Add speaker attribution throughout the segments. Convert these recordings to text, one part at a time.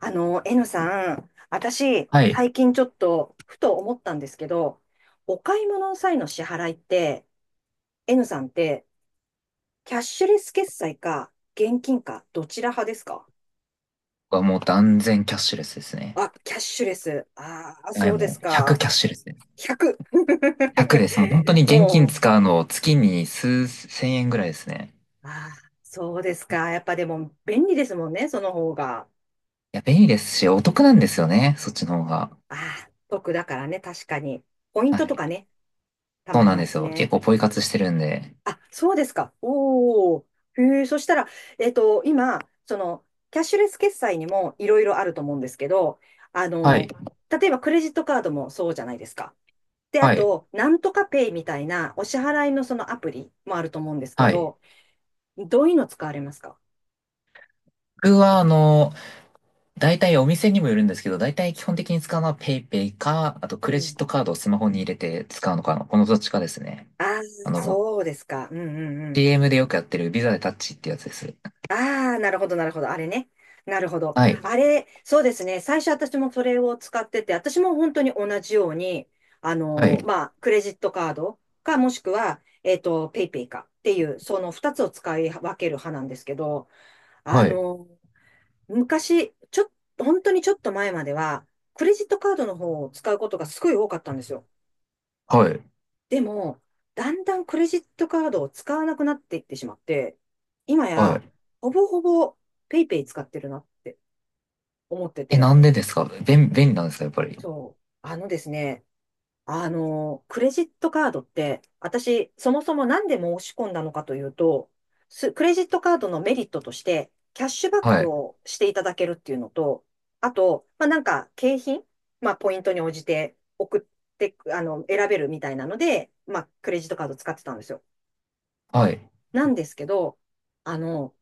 Speaker 1: N さん、私、
Speaker 2: はい。
Speaker 1: 最近ちょっと、ふと思ったんですけど、お買い物の際の支払いって、N さんって、キャッシュレス決済か、現金か、どちら派ですか？
Speaker 2: 僕はもう断然キャッシュレスですね。
Speaker 1: あ、キャッシュレス。ああ、
Speaker 2: はい、
Speaker 1: そうで
Speaker 2: も
Speaker 1: す
Speaker 2: う100
Speaker 1: か。
Speaker 2: キャッシュレスです。
Speaker 1: 100。
Speaker 2: 100 です。もう本当に現金
Speaker 1: も
Speaker 2: 使うの月に数千円ぐらいですね。
Speaker 1: う、ああ、そうですか。やっぱでも、便利ですもんね、その方が。
Speaker 2: いや、便利ですし、お得なんですよね。そっちの方が。
Speaker 1: ああ、得だからね、確かに。ポイン
Speaker 2: は
Speaker 1: トと
Speaker 2: い。
Speaker 1: かね、た
Speaker 2: そう
Speaker 1: まり
Speaker 2: なん
Speaker 1: ま
Speaker 2: です
Speaker 1: すし
Speaker 2: よ。結
Speaker 1: ね。
Speaker 2: 構ポイ活してるんで。
Speaker 1: あ、そうですか。おお。へえ、そしたら、今、キャッシュレス決済にもいろいろあると思うんですけど、あ
Speaker 2: はい。
Speaker 1: の、例えばクレジットカードもそうじゃないですか。で、あ
Speaker 2: はい。
Speaker 1: と、なんとかペイみたいなお支払いのそのアプリもあると思うんですけ
Speaker 2: はい。
Speaker 1: ど、どういうの使われますか？
Speaker 2: 僕は、大体お店にもよるんですけど、大体基本的に使うのは PayPay か、あと
Speaker 1: う
Speaker 2: クレ
Speaker 1: ん。
Speaker 2: ジットカードをスマホに入れて使うのかな。このどっちかですね。
Speaker 1: ああ、
Speaker 2: あの、
Speaker 1: そうですか。うんうん。
Speaker 2: CM でよくやってるビザでタッチってやつです。
Speaker 1: ああ、なるほど、なるほど。あれね。なるほど。
Speaker 2: はい。
Speaker 1: あれ、そうですね。最初私もそれを使ってて、私も本当に同じように、
Speaker 2: はい。
Speaker 1: まあ、クレジットカードか、もしくは、ペイペイかっていう、その二つを使い分ける派なんですけど、あ
Speaker 2: はい。
Speaker 1: のー昔、ちょっ、本当にちょっと前までは、クレジットカードの方を使うことがすごい多かったんですよ。
Speaker 2: はい。
Speaker 1: でも、だんだんクレジットカードを使わなくなっていってしまって、今
Speaker 2: は
Speaker 1: や、
Speaker 2: い。
Speaker 1: ほぼほぼペイペイ使ってるなって思って
Speaker 2: え、
Speaker 1: て、
Speaker 2: なんでですか？便利なんですかやっぱり？
Speaker 1: そう。あのですね、クレジットカードって、私、そもそもなんで申し込んだのかというと、クレジットカードのメリットとして、キャッシュバッ
Speaker 2: は
Speaker 1: ク
Speaker 2: い。
Speaker 1: をしていただけるっていうのと、あと、まあ、なんか、景品、まあ、ポイントに応じて送って、選べるみたいなので、まあ、クレジットカード使ってたんですよ。
Speaker 2: はい。
Speaker 1: なんですけど、あの、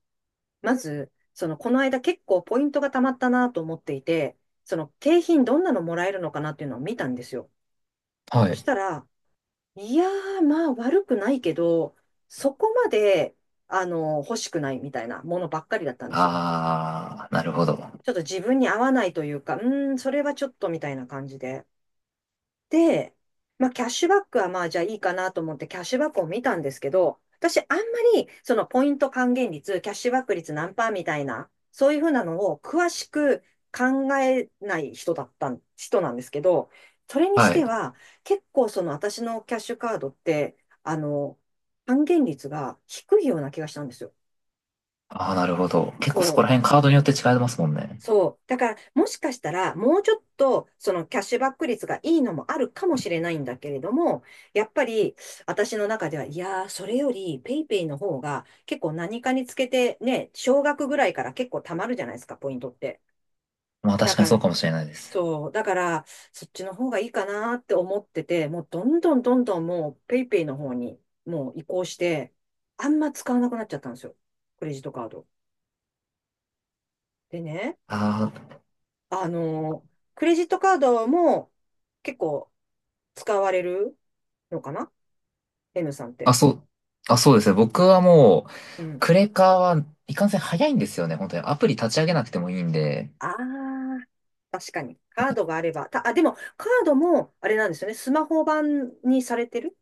Speaker 1: まず、この間結構ポイントがたまったなと思っていて、景品どんなのもらえるのかなっていうのを見たんですよ。
Speaker 2: は
Speaker 1: そし
Speaker 2: い。
Speaker 1: たら、いやー、まあ悪くないけど、そこまで、欲しくないみたいなものばっかりだったんですよ。
Speaker 2: あー、なるほど。
Speaker 1: ちょっと自分に合わないというか、それはちょっとみたいな感じで。で、まあ、キャッシュバックはまあ、じゃあいいかなと思って、キャッシュバックを見たんですけど、私、あんまり、そのポイント還元率、キャッシュバック率何パーみたいな、そういうふうなのを詳しく考えない人だったん、人なんですけど、それにし
Speaker 2: は
Speaker 1: て
Speaker 2: い。
Speaker 1: は、結構その私のキャッシュカードって、あの、還元率が低いような気がしたんですよ。
Speaker 2: あー、なるほど。結構そこら辺カードによって違いますもんね。
Speaker 1: そう。だから、もしかしたら、もうちょっと、そのキャッシュバック率がいいのもあるかもしれないんだけれども、やっぱり、私の中では、いやー、それより、ペイペイの方が、結構何かにつけて、ね、少額ぐらいから結構貯まるじゃないですか、ポイントって。
Speaker 2: まあ
Speaker 1: だ
Speaker 2: 確かに
Speaker 1: か
Speaker 2: そう
Speaker 1: ら、
Speaker 2: かもしれないです。
Speaker 1: そう。だから、そっちの方がいいかなって思ってて、もうどんどんどんどんもう、ペイペイの方に、もう移行して、あんま使わなくなっちゃったんですよ。クレジットカード。でね、
Speaker 2: あー、
Speaker 1: あの、クレジットカードも結構使われるのかな ?N さんっ
Speaker 2: あ、
Speaker 1: て。
Speaker 2: そう、あ、そうですね。僕はもう、
Speaker 1: うん。
Speaker 2: クレカはいかんせん早いんですよね。本当に。アプリ立ち上げなくてもいいんで。
Speaker 1: ああ、確かに。カードがあれば。でも、カードも、あれなんですよね。スマホ版にされてる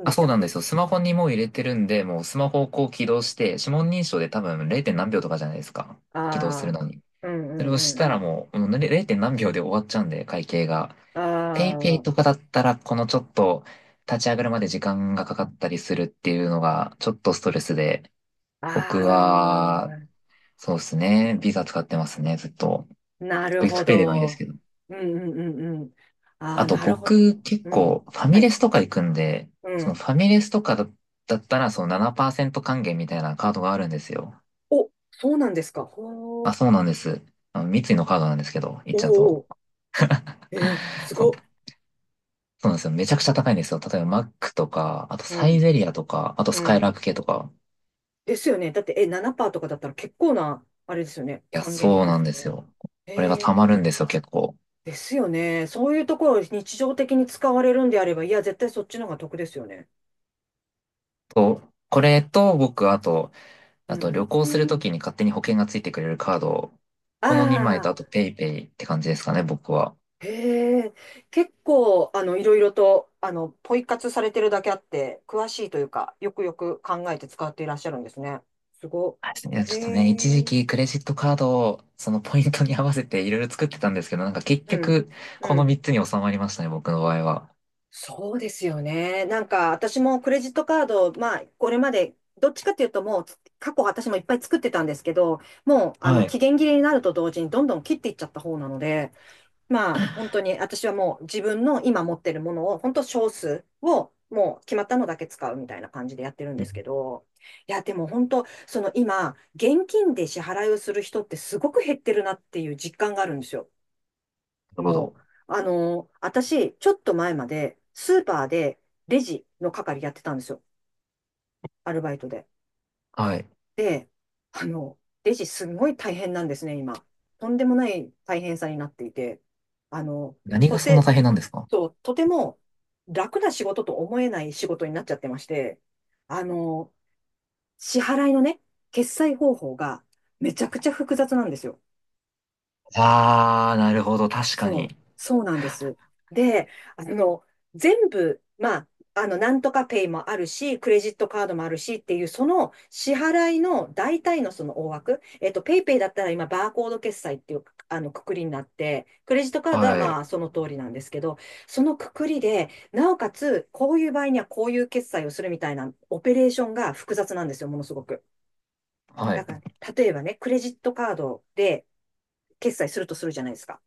Speaker 1: ん
Speaker 2: あ、
Speaker 1: でし
Speaker 2: そう
Speaker 1: たっ
Speaker 2: なんで
Speaker 1: け？
Speaker 2: すよ。スマホにもう入れてるんで、もうスマホをこう起動して、指紋認証で多分 0. 何秒とかじゃないですか。
Speaker 1: あ
Speaker 2: 起動するのに。
Speaker 1: あー、うん
Speaker 2: それ
Speaker 1: うん
Speaker 2: をし
Speaker 1: う
Speaker 2: た
Speaker 1: んう
Speaker 2: ら
Speaker 1: ん。
Speaker 2: もう、もう0何秒で終わっちゃうんで、会計が。ペイペイ
Speaker 1: あ
Speaker 2: とかだったら、このちょっと立ち上がるまで時間がかかったりするっていうのが、ちょっとストレスで、
Speaker 1: あ、
Speaker 2: 僕
Speaker 1: あ
Speaker 2: は、そうですね、ビザ使ってますね、ずっと。
Speaker 1: あ、なる
Speaker 2: クイッ
Speaker 1: ほ
Speaker 2: クペイでもいいです
Speaker 1: ど。
Speaker 2: けど。
Speaker 1: うんうんうんうん。あ
Speaker 2: あ
Speaker 1: あ、
Speaker 2: と
Speaker 1: なるほど。
Speaker 2: 僕、結
Speaker 1: うん。
Speaker 2: 構、ファ
Speaker 1: は
Speaker 2: ミレ
Speaker 1: い。
Speaker 2: スとか行くんで、
Speaker 1: う
Speaker 2: そのフ
Speaker 1: ん。
Speaker 2: ァミレスとかだ、だったら、その7%還元みたいなカードがあるんですよ。
Speaker 1: お、そうなんですか。ほ
Speaker 2: あ、
Speaker 1: う。
Speaker 2: そうなんです。あの三井のカードなんですけど、行っ
Speaker 1: お
Speaker 2: ちゃう
Speaker 1: ー
Speaker 2: と。
Speaker 1: おー。えー、す
Speaker 2: そ
Speaker 1: ご
Speaker 2: の
Speaker 1: っ。
Speaker 2: そうなんですよ。めちゃくちゃ高いんですよ。例えばマックとか、あと
Speaker 1: う
Speaker 2: サイ
Speaker 1: ん。
Speaker 2: ゼリアとか、あと
Speaker 1: う
Speaker 2: スカイラー
Speaker 1: ん。
Speaker 2: ク系とか。
Speaker 1: ですよね。だって、え、7%とかだったら結構な、あれですよね。
Speaker 2: いや、
Speaker 1: 還元
Speaker 2: そ
Speaker 1: 率
Speaker 2: う
Speaker 1: で
Speaker 2: な
Speaker 1: す
Speaker 2: ん
Speaker 1: よ
Speaker 2: です
Speaker 1: ね。
Speaker 2: よ。これが溜
Speaker 1: えー、
Speaker 2: まるんですよ、結構。
Speaker 1: ですよね。そういうところを日常的に使われるんであれば、いや、絶対そっちの方が得ですよね。
Speaker 2: と、これと僕、あと、
Speaker 1: う
Speaker 2: あと旅
Speaker 1: ん。
Speaker 2: 行するときに勝手に保険がついてくれるカード、この2枚と
Speaker 1: あ
Speaker 2: あと
Speaker 1: あ、
Speaker 2: ペイペイって感じですかね、僕は。
Speaker 1: へえ。結構、いろいろと、ポイ活されてるだけあって、詳しいというか、よくよく考えて使っていらっしゃるんですね。すごっ。
Speaker 2: はいですね。いや、ち
Speaker 1: へ
Speaker 2: ょっとね、一時
Speaker 1: え。
Speaker 2: 期クレジットカードをそのポイントに合わせていろいろ作ってたんですけど、なんか結
Speaker 1: うん。
Speaker 2: 局、こ
Speaker 1: う
Speaker 2: の3
Speaker 1: ん。
Speaker 2: つに収まりましたね、僕の場合は。
Speaker 1: そうですよね。なんか私もクレジットカード、まあこれまでどっちかっていうともうつ過去私もいっぱい作ってたんですけど、もう
Speaker 2: はい。
Speaker 1: 期
Speaker 2: な
Speaker 1: 限切れになると同時にどんどん切っていっちゃった方なので、まあ本当に私はもう自分の今持ってるものを本当少数をもう決まったのだけ使うみたいな感じでやってるんですけど、いやでも本当その今現金で支払いをする人ってすごく減ってるなっていう実感があるんですよ。
Speaker 2: るほ
Speaker 1: も
Speaker 2: ど。
Speaker 1: う、私、ちょっと前まで、スーパーでレジの係やってたんですよ。アルバイトで。
Speaker 2: はい。
Speaker 1: で、あの、レジすごい大変なんですね、今。とんでもない大変さになっていて、あの、
Speaker 2: 何
Speaker 1: と
Speaker 2: がそんな
Speaker 1: て、
Speaker 2: 大変なんですか？
Speaker 1: そう、とても楽な仕事と思えない仕事になっちゃってまして、あの、支払いのね、決済方法がめちゃくちゃ複雑なんですよ。
Speaker 2: ああ、なるほど。確か
Speaker 1: そう、
Speaker 2: に。
Speaker 1: そうなんです。で、あの、全部、まあ、なんとかペイもあるし、クレジットカードもあるしっていう、その支払いの大体のその大枠、ペイペイだったら今、バーコード決済っていう、くくりになって、クレジットカードは
Speaker 2: は
Speaker 1: ま
Speaker 2: い。
Speaker 1: あ、その通りなんですけど、そのくくりで、なおかつ、こういう場合にはこういう決済をするみたいな、オペレーションが複雑なんですよ、ものすごく。
Speaker 2: は
Speaker 1: だ
Speaker 2: い。
Speaker 1: から、例えばね、クレジットカードで決済するとするじゃないですか。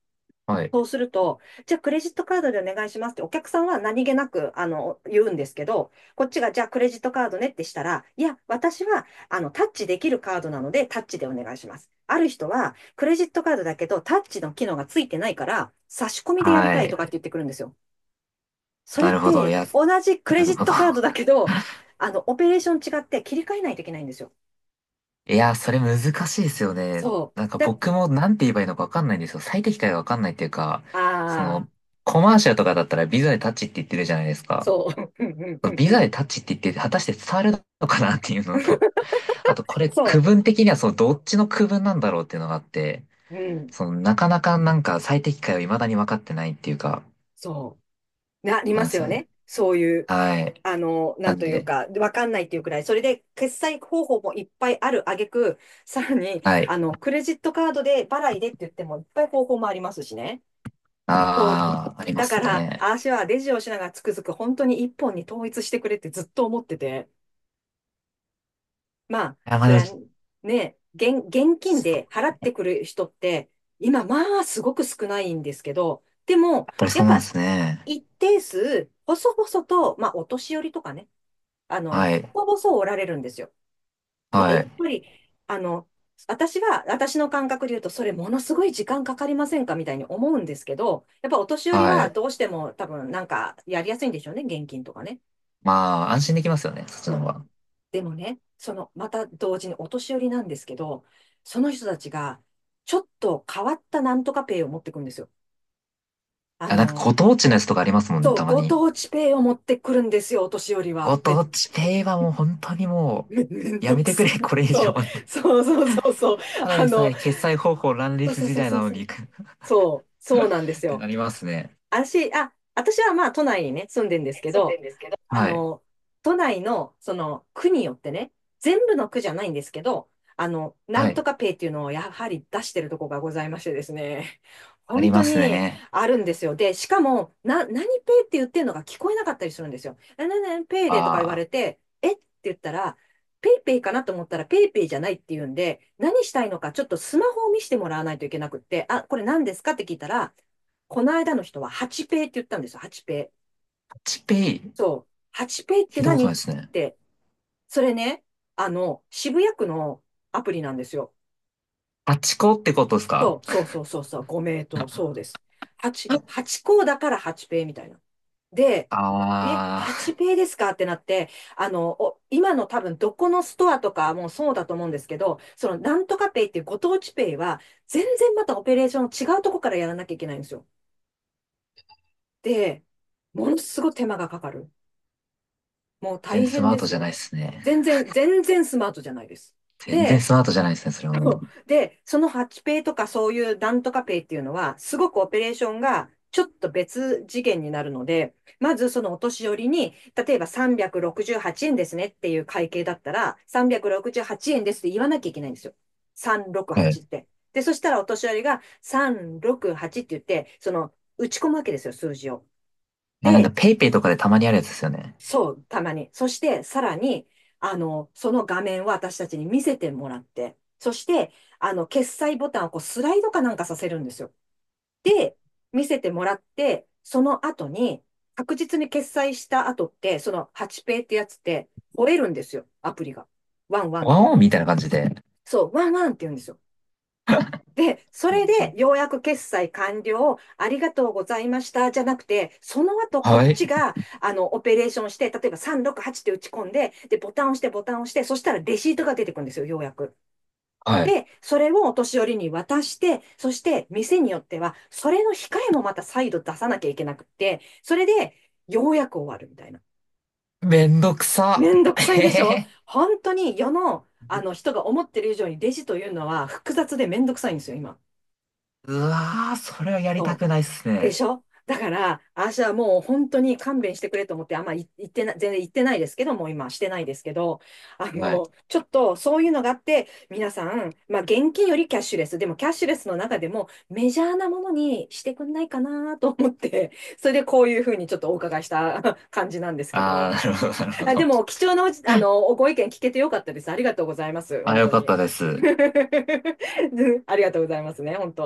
Speaker 2: はい。
Speaker 1: そうすると、じゃあクレジットカードでお願いしますって、お客さんは何気なく、言うんですけど、こっちが、じゃあクレジットカードねってしたら、いや、私は、タッチできるカードなので、タッチでお願いします。ある人は、クレジットカードだけど、タッチの機能がついてないから、差し込みでやり
Speaker 2: は
Speaker 1: たいと
Speaker 2: い。
Speaker 1: かって言ってくるんですよ。それ
Speaker 2: な
Speaker 1: っ
Speaker 2: るほど。い
Speaker 1: て、
Speaker 2: や、
Speaker 1: 同じク
Speaker 2: な
Speaker 1: レジ
Speaker 2: る
Speaker 1: ッ
Speaker 2: ほど。
Speaker 1: トカードだけ ど、オペレーション違って切り替えないといけないんですよ。
Speaker 2: いや、それ難しいですよね。
Speaker 1: そ
Speaker 2: なん
Speaker 1: う。
Speaker 2: か僕もなんて言えばいいのかわかんないんですよ。最適解がわかんないっていうか、そ
Speaker 1: ああ、
Speaker 2: の、コマーシャルとかだったらビザでタッチって言ってるじゃないですか。
Speaker 1: そう。
Speaker 2: ビザ でタッチって言って、果たして伝わるのかなっていうのと、あとこれ区
Speaker 1: そ
Speaker 2: 分的にはそう、どっちの区分なんだろうっていうのがあって、
Speaker 1: う。うん。
Speaker 2: その、なかなかなんか最適解を未だに分かってないっていうか、
Speaker 1: そう。
Speaker 2: そ
Speaker 1: り
Speaker 2: うな
Speaker 1: ま
Speaker 2: んで
Speaker 1: す
Speaker 2: す
Speaker 1: よ
Speaker 2: よね。
Speaker 1: ね。そういう、
Speaker 2: はい。
Speaker 1: な
Speaker 2: な
Speaker 1: ん
Speaker 2: ん
Speaker 1: という
Speaker 2: で、
Speaker 1: か、わかんないっていうくらい。それで、決済方法もいっぱいある挙句、さらに、
Speaker 2: はい。
Speaker 1: クレジットカードで払いでって言っても、いっぱい方法もありますしね。そう。
Speaker 2: ああ、ありま
Speaker 1: だか
Speaker 2: す
Speaker 1: ら、
Speaker 2: ね。
Speaker 1: あーしはレジをしながらつくづく本当に一本に統一してくれってずっと思ってて。まあ、
Speaker 2: あ、ま
Speaker 1: そ
Speaker 2: だ、
Speaker 1: れ
Speaker 2: や
Speaker 1: はね、現金で払ってくる人って、今、まあ、すごく少ないんですけど、でも、
Speaker 2: っぱり
Speaker 1: やっ
Speaker 2: そうなんで
Speaker 1: ぱ、
Speaker 2: すね。
Speaker 1: 一定数、細々と、まあ、お年寄りとかね、
Speaker 2: はい。
Speaker 1: 細々おられるんですよ。で、
Speaker 2: は
Speaker 1: やっ
Speaker 2: い。
Speaker 1: ぱり、あの、私の感覚で言うと、それものすごい時間かかりませんかみたいに思うんですけど、やっぱお年寄り
Speaker 2: は
Speaker 1: は
Speaker 2: い。
Speaker 1: どうしても多分なんかやりやすいんでしょうね、現金とかね。
Speaker 2: まあ、安心できますよね、そっちの方
Speaker 1: そう。
Speaker 2: が。
Speaker 1: でもね、また同時にお年寄りなんですけど、その人たちが、ちょっと変わったなんとかペイを持ってくるんですよ。あ
Speaker 2: あ、なんか
Speaker 1: の、
Speaker 2: ご当地のやつとかありますもんね、
Speaker 1: そう、
Speaker 2: たま
Speaker 1: ご
Speaker 2: に。
Speaker 1: 当地ペイを持ってくるんですよ、お年寄りは。
Speaker 2: ご当地ペイはもう本当にも
Speaker 1: めん
Speaker 2: う、や
Speaker 1: ど
Speaker 2: め
Speaker 1: く
Speaker 2: て
Speaker 1: さ
Speaker 2: くれ、こ
Speaker 1: い。
Speaker 2: れ以
Speaker 1: そ
Speaker 2: 上
Speaker 1: う、
Speaker 2: って。
Speaker 1: そうそうそうそう。
Speaker 2: ただ
Speaker 1: あ
Speaker 2: でさ
Speaker 1: の、
Speaker 2: え決済方法乱
Speaker 1: そう
Speaker 2: 立
Speaker 1: そう
Speaker 2: 時
Speaker 1: そう
Speaker 2: 代
Speaker 1: そう
Speaker 2: なの
Speaker 1: そ
Speaker 2: に っ
Speaker 1: う。そう、そうなんです
Speaker 2: て
Speaker 1: よ。
Speaker 2: なりますね。
Speaker 1: 私はまあ都内にね、住んでんですけ
Speaker 2: 住んで
Speaker 1: ど、
Speaker 2: んですけど、
Speaker 1: あ
Speaker 2: はい。
Speaker 1: の、都内のその区によってね、全部の区じゃないんですけど、な
Speaker 2: は
Speaker 1: ん
Speaker 2: い。
Speaker 1: とかペイっていうのをやはり出してるとこがございましてですね、
Speaker 2: あり
Speaker 1: 本当
Speaker 2: ます
Speaker 1: に
Speaker 2: ね。
Speaker 1: あるんですよ。で、しかも、何ペイって言ってるのが聞こえなかったりするんですよ。な、な、な、ペイでとか言わ
Speaker 2: ああ、
Speaker 1: れて、えって言ったら、ペイペイかなと思ったらペイペイじゃないって言うんで、何したいのかちょっとスマホを見せてもらわないといけなくって、あ、これ何ですかって聞いたら、この間の人は8ペイって言ったんですよ、8ペイ。
Speaker 2: タッチペイ、
Speaker 1: そう。8ペイっ
Speaker 2: 聞
Speaker 1: て
Speaker 2: いたこと
Speaker 1: 何
Speaker 2: ない
Speaker 1: っ
Speaker 2: ですね。
Speaker 1: て、それね、渋谷区のアプリなんですよ。
Speaker 2: タッチコってことですか？
Speaker 1: そう、そうそうそうそう、ご名答、そうです。8校だから8ペイみたいな。で、え、
Speaker 2: あ
Speaker 1: 8
Speaker 2: あ、
Speaker 1: ペイですかってなって、お今の多分どこのストアとかもそうだと思うんですけど、そのなんとかペイっていうご当地ペイは、全然またオペレーション違うとこからやらなきゃいけないんですよ。で、ものすごい手間がかかる。もう
Speaker 2: 全然
Speaker 1: 大
Speaker 2: ス
Speaker 1: 変
Speaker 2: マー
Speaker 1: で
Speaker 2: ト
Speaker 1: す
Speaker 2: じゃない
Speaker 1: よ。
Speaker 2: ですね。
Speaker 1: 全然、全然スマートじゃないです。
Speaker 2: 全然
Speaker 1: で、
Speaker 2: スマートじゃないですね、それは もう。
Speaker 1: で、その8ペイとかそういうなんとかペイっていうのは、すごくオペレーションがちょっと別次元になるので、まずそのお年寄りに、例えば368円ですねっていう会計だったら、368円ですって言わなきゃいけないんですよ。
Speaker 2: は
Speaker 1: 368
Speaker 2: い。
Speaker 1: って。で、そしたらお年寄りが368って言って、その打ち込むわけですよ、数字を。
Speaker 2: あ、なんか
Speaker 1: で、
Speaker 2: ペイペイとかでたまにあるやつですよね。
Speaker 1: そう、たまに。そして、さらに、その画面を私たちに見せてもらって、そして、決済ボタンをこうスライドかなんかさせるんですよ。で、見せてもらって、その後に、確実に決済した後って、その8ペイってやつって、吠えるんですよ、アプリが。ワンワンっ
Speaker 2: ワン
Speaker 1: て。
Speaker 2: オンみたいな感じで。
Speaker 1: そう、ワンワンって言うんですよ。で、それで、ようやく決済完了、ありがとうございました、じゃなくて、その後、こ
Speaker 2: は
Speaker 1: っ
Speaker 2: い。
Speaker 1: ちが、オペレーションして、例えば368って打ち込んで、で、ボタンを押して、ボタンを押して、そしたらレシートが出てくるんですよ、ようやく。
Speaker 2: はい。
Speaker 1: で、それをお年寄りに渡して、そして、店によっては、それの控えもまた再度出さなきゃいけなくって、それで、ようやく終わるみたいな。
Speaker 2: めんどくさ。
Speaker 1: めんど く
Speaker 2: え
Speaker 1: さい
Speaker 2: へ
Speaker 1: でしょ、
Speaker 2: へ
Speaker 1: 本当に世の、あの人が思ってる以上にレジというのは複雑でめんどくさいんですよ、今。
Speaker 2: うわー、それはやりた
Speaker 1: そう
Speaker 2: くないっす
Speaker 1: で
Speaker 2: ね。
Speaker 1: しょ、だから、私はもう本当に勘弁してくれと思って、あんまい言ってな、全然言ってないですけど、もう今してないですけど、
Speaker 2: はい。
Speaker 1: ちょっとそういうのがあって、皆さん、まあ現金よりキャッシュレス、でもキャッシュレスの中でもメジャーなものにしてくんないかなと思って、それでこういうふうにちょっとお伺いした 感じなんですけ
Speaker 2: ああ、
Speaker 1: ど、
Speaker 2: なるほど、なるほ
Speaker 1: あ、で
Speaker 2: ど。
Speaker 1: も貴重なおじ、あの、ご意見聞けてよかったです。ありがとうございます。
Speaker 2: あ、
Speaker 1: 本
Speaker 2: よ
Speaker 1: 当
Speaker 2: かっ
Speaker 1: に。
Speaker 2: たです。
Speaker 1: ありがとうございますね、本当。